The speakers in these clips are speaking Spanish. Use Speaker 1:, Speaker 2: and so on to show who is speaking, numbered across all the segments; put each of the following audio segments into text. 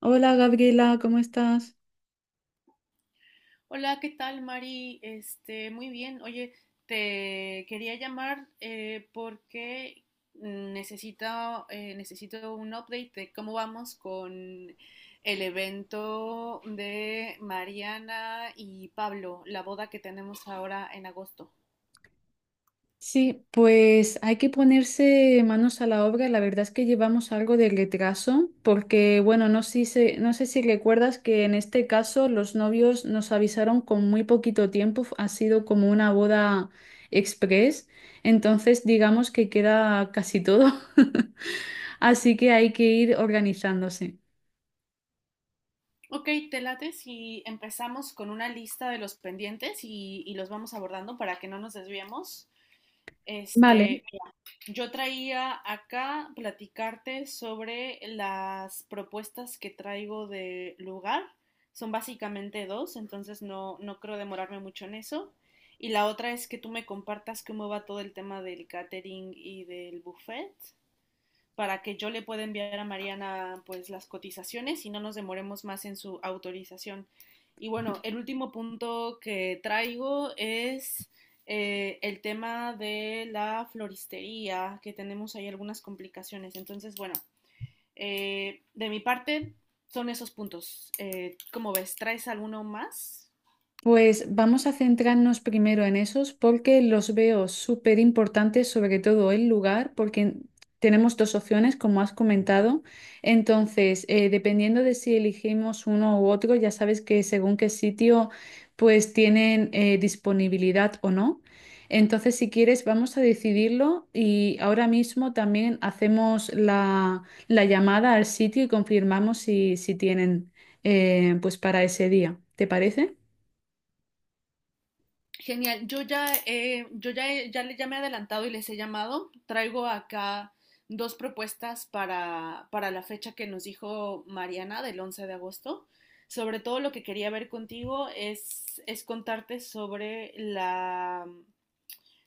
Speaker 1: Hola, Gabriela, ¿cómo estás?
Speaker 2: Hola, ¿qué tal, Mari? Este, muy bien. Oye, te quería llamar porque necesito, necesito un update de cómo vamos con el evento de Mariana y Pablo, la boda que tenemos ahora en agosto.
Speaker 1: Sí, pues hay que ponerse manos a la obra. La verdad es que llevamos algo de retraso porque, bueno, no sé si recuerdas que en este caso los novios nos avisaron con muy poquito tiempo. Ha sido como una boda express. Entonces, digamos que queda casi todo. Así que hay que ir organizándose.
Speaker 2: Ok, te late si empezamos con una lista de los pendientes y los vamos abordando para que no nos desviemos.
Speaker 1: Vale.
Speaker 2: Este, yo traía acá platicarte sobre las propuestas que traigo de lugar. Son básicamente dos, entonces no creo demorarme mucho en eso. Y la otra es que tú me compartas cómo va todo el tema del catering y del buffet para que yo le pueda enviar a Mariana pues las cotizaciones y no nos demoremos más en su autorización. Y bueno, el último punto que traigo es el tema de la floristería, que tenemos ahí algunas complicaciones. Entonces, bueno, de mi parte son esos puntos. ¿Cómo ves? ¿Traes alguno más?
Speaker 1: Pues vamos a centrarnos primero en esos porque los veo súper importantes, sobre todo el lugar, porque tenemos dos opciones, como has comentado. Entonces, dependiendo de si elegimos uno u otro, ya sabes que según qué sitio, pues tienen disponibilidad o no. Entonces, si quieres, vamos a decidirlo y ahora mismo también hacemos la llamada al sitio y confirmamos si, si tienen pues para ese día. ¿Te parece?
Speaker 2: Genial, ya me he adelantado y les he llamado. Traigo acá dos propuestas para la fecha que nos dijo Mariana del 11 de agosto. Sobre todo lo que quería ver contigo es contarte sobre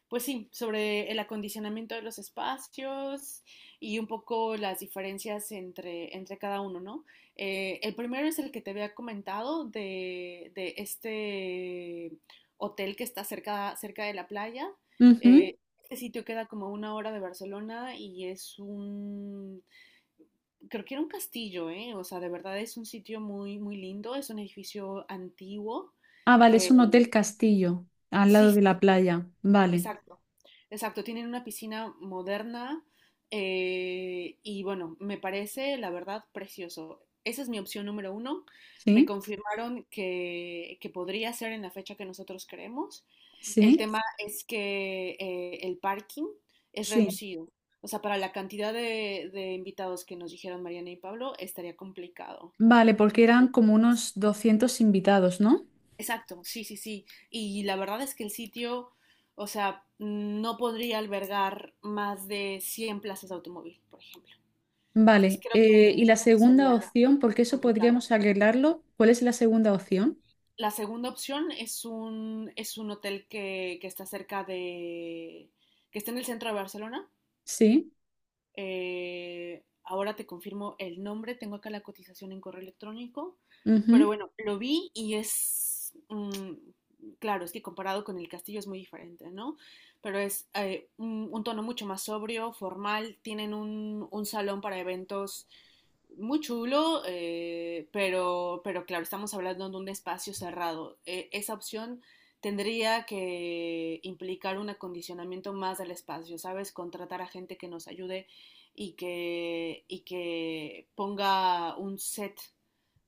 Speaker 2: pues sí, sobre el acondicionamiento de los espacios y un poco las diferencias entre cada uno, ¿no? El primero es el que te había comentado de este hotel que está cerca, cerca de la playa.
Speaker 1: Ujú.
Speaker 2: Eh, este sitio queda como a una hora de Barcelona y creo que era un castillo, ¿eh? O sea, de verdad es un sitio muy, muy lindo, es un edificio antiguo,
Speaker 1: Ah, vale, es
Speaker 2: que
Speaker 1: un hotel castillo, al
Speaker 2: sí,
Speaker 1: lado de
Speaker 2: sí.
Speaker 1: la playa. Vale,
Speaker 2: Exacto, exacto. Tienen una piscina moderna, y bueno, me parece la verdad precioso. Esa es mi opción número uno. Me
Speaker 1: sí,
Speaker 2: confirmaron que podría ser en la fecha que nosotros queremos. El
Speaker 1: sí,
Speaker 2: tema es que el parking es
Speaker 1: sí.
Speaker 2: reducido. O sea, para la cantidad de invitados que nos dijeron Mariana y Pablo, estaría complicado.
Speaker 1: Vale, porque eran como unos 200 invitados, ¿no?
Speaker 2: Exacto, sí, sí, sí. Y la verdad es que el sitio, o sea, no podría albergar más de 100 plazas de automóvil, por ejemplo. Entonces
Speaker 1: Vale,
Speaker 2: creo que,
Speaker 1: y la
Speaker 2: creo que eso
Speaker 1: segunda
Speaker 2: sería
Speaker 1: opción, porque eso
Speaker 2: complicado.
Speaker 1: podríamos arreglarlo, ¿cuál es la segunda opción?
Speaker 2: La segunda opción es un hotel que que está en el centro de Barcelona.
Speaker 1: Sí,
Speaker 2: Ahora te confirmo el nombre, tengo acá la cotización en correo electrónico,
Speaker 1: ujú.
Speaker 2: pero bueno, lo vi y es, claro, es que comparado con el castillo es muy diferente, ¿no? Pero es un tono mucho más sobrio, formal, tienen un salón para eventos muy chulo, pero claro, estamos hablando de un espacio cerrado. Esa opción tendría que implicar un acondicionamiento más del espacio, ¿sabes? Contratar a gente que nos ayude y que ponga un set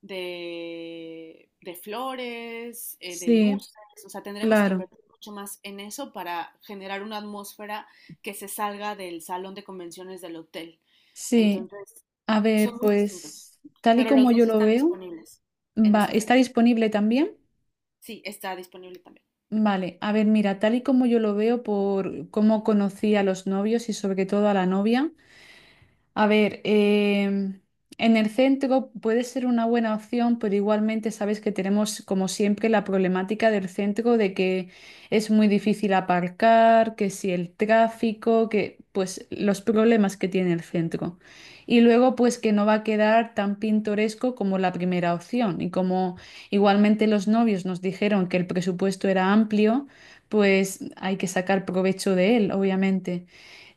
Speaker 2: de flores, de
Speaker 1: Sí,
Speaker 2: luces, o sea, tendremos que
Speaker 1: claro,
Speaker 2: invertir mucho más en eso para generar una atmósfera que se salga del salón de convenciones del hotel.
Speaker 1: sí.
Speaker 2: Entonces,
Speaker 1: A
Speaker 2: son
Speaker 1: ver,
Speaker 2: muy distintos,
Speaker 1: pues tal y
Speaker 2: pero los
Speaker 1: como
Speaker 2: dos
Speaker 1: yo lo
Speaker 2: están
Speaker 1: veo,
Speaker 2: disponibles en
Speaker 1: va,
Speaker 2: esa
Speaker 1: ¿está
Speaker 2: fecha.
Speaker 1: disponible también?
Speaker 2: Sí, está disponible también.
Speaker 1: Vale, a ver, mira, tal y como yo lo veo por cómo conocí a los novios y sobre todo a la novia, a ver, en el centro puede ser una buena opción, pero igualmente sabes que tenemos, como siempre, la problemática del centro, de que es muy difícil aparcar, que si el tráfico, que pues los problemas que tiene el centro. Y luego, pues que no va a quedar tan pintoresco como la primera opción. Y como igualmente los novios nos dijeron que el presupuesto era amplio, pues hay que sacar provecho de él, obviamente.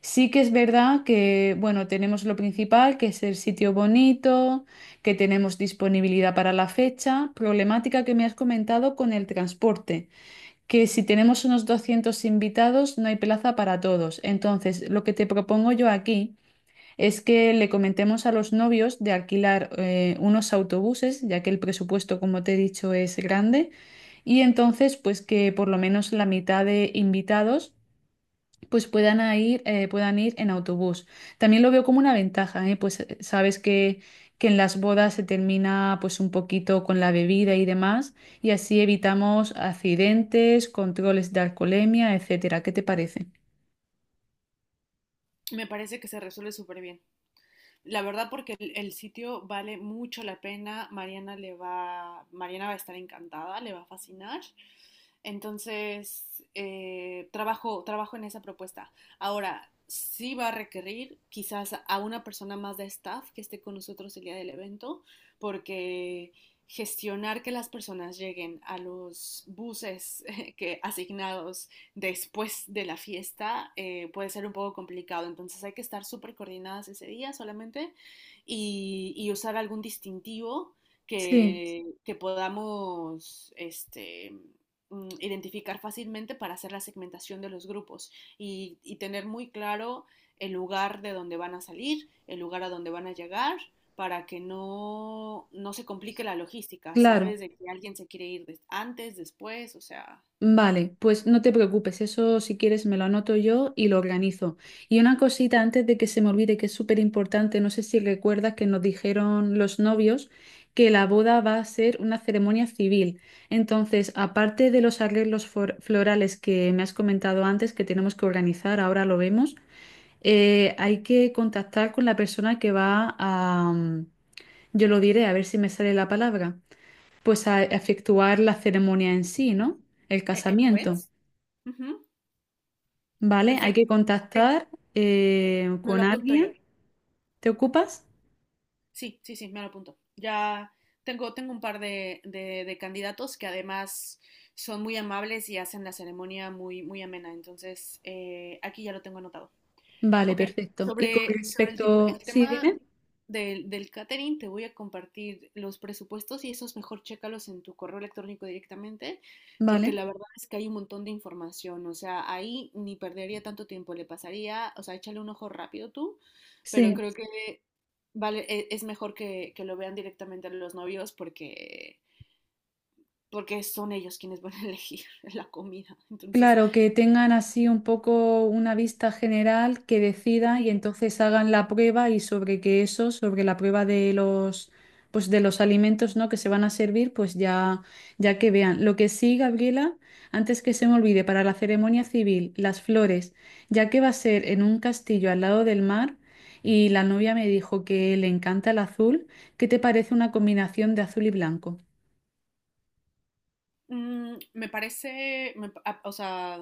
Speaker 1: Sí que es verdad que, bueno, tenemos lo principal, que es el sitio bonito, que tenemos disponibilidad para la fecha, problemática que me has comentado con el transporte, que si tenemos unos 200 invitados no hay plaza para todos. Entonces, lo que te propongo yo aquí es que le comentemos a los novios de alquilar unos autobuses, ya que el presupuesto, como te he dicho, es grande, y entonces, pues que por lo menos la mitad de invitados pues puedan a ir, puedan ir en autobús. También lo veo como una ventaja, ¿eh? Pues sabes que en las bodas se termina pues un poquito con la bebida y demás, y así evitamos accidentes, controles de alcoholemia, etcétera. ¿Qué te parece?
Speaker 2: Me parece que se resuelve súper bien. La verdad, porque el sitio vale mucho la pena. Mariana va a estar encantada, le va a fascinar. Entonces, trabajo en esa propuesta. Ahora, sí va a requerir quizás a una persona más de staff que esté con nosotros el día del evento, porque gestionar que las personas lleguen a los buses que asignados después de la fiesta puede ser un poco complicado. Entonces hay que estar súper coordinadas ese día solamente y usar algún distintivo
Speaker 1: Sí,
Speaker 2: que podamos identificar fácilmente para hacer la segmentación de los grupos y tener muy claro el lugar de donde van a salir, el lugar a donde van a llegar para que no se complique la logística,
Speaker 1: claro.
Speaker 2: ¿sabes? De que alguien se quiere ir antes, después, o sea...
Speaker 1: Vale, pues no te preocupes, eso si quieres me lo anoto yo y lo organizo. Y una cosita antes de que se me olvide, que es súper importante, no sé si recuerdas que nos dijeron los novios que la boda va a ser una ceremonia civil. Entonces, aparte de los arreglos florales que me has comentado antes que tenemos que organizar, ahora lo vemos, hay que contactar con la persona que va a, yo lo diré, a ver si me sale la palabra, pues a efectuar la ceremonia en sí, ¿no? El
Speaker 2: ¿El
Speaker 1: casamiento.
Speaker 2: juez? Ujú.
Speaker 1: Vale, hay
Speaker 2: Perfecto.
Speaker 1: que
Speaker 2: Ok,
Speaker 1: contactar
Speaker 2: me
Speaker 1: con
Speaker 2: lo apunto yo.
Speaker 1: alguien. ¿Te ocupas?
Speaker 2: Sí, sí, sí, me lo apunto. Ya tengo un par de candidatos que además son muy amables y hacen la ceremonia muy, muy amena. Entonces, aquí ya lo tengo anotado.
Speaker 1: Vale,
Speaker 2: Ok,
Speaker 1: perfecto. Y con
Speaker 2: sobre el, tip-
Speaker 1: respecto,
Speaker 2: el
Speaker 1: sí,
Speaker 2: tema,
Speaker 1: dime.
Speaker 2: del catering, te voy a compartir los presupuestos y esos mejor chécalos en tu correo electrónico directamente, porque
Speaker 1: Vale,
Speaker 2: la verdad es que hay un montón de información, o sea, ahí ni perdería tanto tiempo, le pasaría, o sea, échale un ojo rápido tú, pero
Speaker 1: sí.
Speaker 2: creo que vale, es mejor que lo vean directamente los novios porque son ellos quienes van a elegir la comida, entonces,
Speaker 1: Claro, que tengan así un poco una vista general, que decidan y
Speaker 2: sí.
Speaker 1: entonces hagan la prueba y sobre que eso, sobre la prueba de los, pues de los alimentos, ¿no?, que se van a servir, pues ya, ya que vean. Lo que sí, Gabriela, antes que se me olvide, para la ceremonia civil, las flores, ya que va a ser en un castillo al lado del mar y la novia me dijo que le encanta el azul, ¿qué te parece una combinación de azul y blanco?
Speaker 2: Mm, me parece, me pa- a- o sea,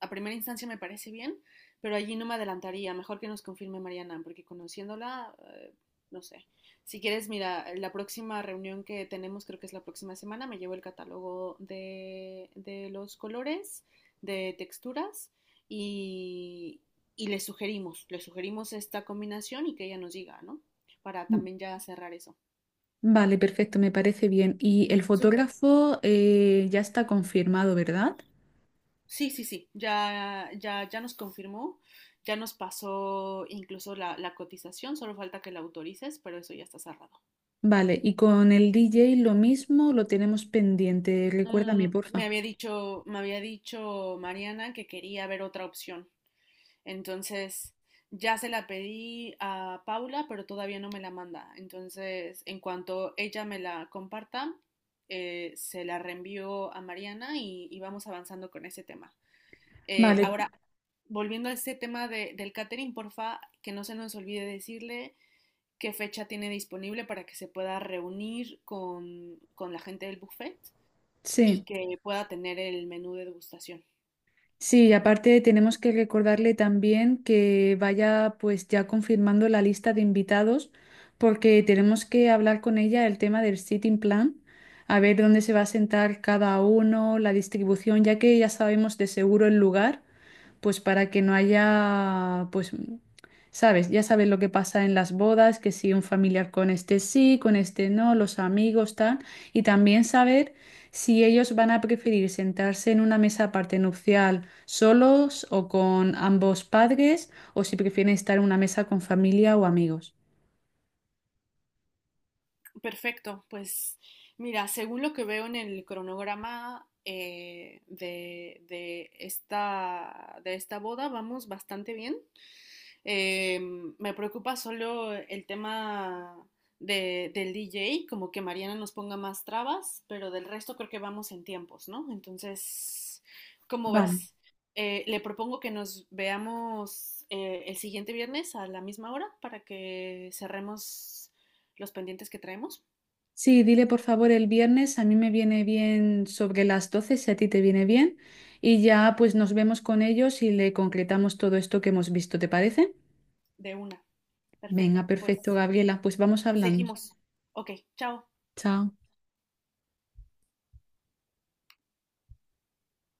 Speaker 2: a primera instancia me parece bien, pero allí no me adelantaría. Mejor que nos confirme Mariana, porque conociéndola, no sé. Si quieres, mira, la próxima reunión que tenemos, creo que es la próxima semana, me llevo el catálogo de los colores, de texturas, y, y le sugerimos esta combinación y que ella nos diga, ¿no? Para también ya cerrar eso.
Speaker 1: Vale, perfecto, me parece bien. Y el
Speaker 2: Súper.
Speaker 1: fotógrafo ya está confirmado, ¿verdad?
Speaker 2: Sí, sí, sí, ya, ya, ya nos confirmó, ya nos pasó incluso la cotización, solo falta que la autorices, pero eso ya está cerrado.
Speaker 1: Vale, y con el DJ lo mismo, lo tenemos pendiente. Recuérdame,
Speaker 2: Mm, me
Speaker 1: porfa.
Speaker 2: había dicho, me había dicho Mariana que quería ver otra opción. Entonces, ya se la pedí a Paula, pero todavía no me la manda. Entonces, en cuanto ella me la comparta, se la reenvío a Mariana y vamos avanzando con ese tema.
Speaker 1: Vale, vale.
Speaker 2: Ahora, volviendo a este tema del catering, porfa, que no se nos olvide decirle qué fecha tiene disponible para que se pueda reunir con la gente del buffet y
Speaker 1: Sí.
Speaker 2: que pueda tener el menú de degustación.
Speaker 1: Sí, y aparte tenemos que recordarle también que vaya pues ya confirmando la lista de invitados porque tenemos que hablar con ella el tema del sitting plan, a ver dónde se va a sentar cada uno, la distribución, ya que ya sabemos de seguro el lugar, pues para que no haya, pues, sabes, ya sabes lo que pasa en las bodas, que si un familiar con este sí, con este no, los amigos, tal, y también saber si ellos van a preferir sentarse en una mesa aparte nupcial solos o con ambos padres, o si prefieren estar en una mesa con familia o amigos.
Speaker 2: Perfecto, pues mira, según lo que veo en el cronograma de esta boda, vamos bastante bien. Eh, Me preocupa solo el tema del DJ, como que Mariana nos ponga más trabas, pero del resto creo que vamos en tiempos, ¿no? Entonces, ¿cómo
Speaker 1: Vale.
Speaker 2: ves? Le propongo que nos veamos el siguiente viernes a la misma hora para que cerremos los pendientes que traemos
Speaker 1: Sí, dile por favor el viernes, a mí me viene bien sobre las 12. Si a ti te viene bien, y ya pues nos vemos con ellos y le concretamos todo esto que hemos visto, ¿te parece?
Speaker 2: de una.
Speaker 1: Venga,
Speaker 2: Perfecto, pues
Speaker 1: perfecto, Gabriela, pues vamos hablando.
Speaker 2: seguimos. Ok, chao.
Speaker 1: Chao.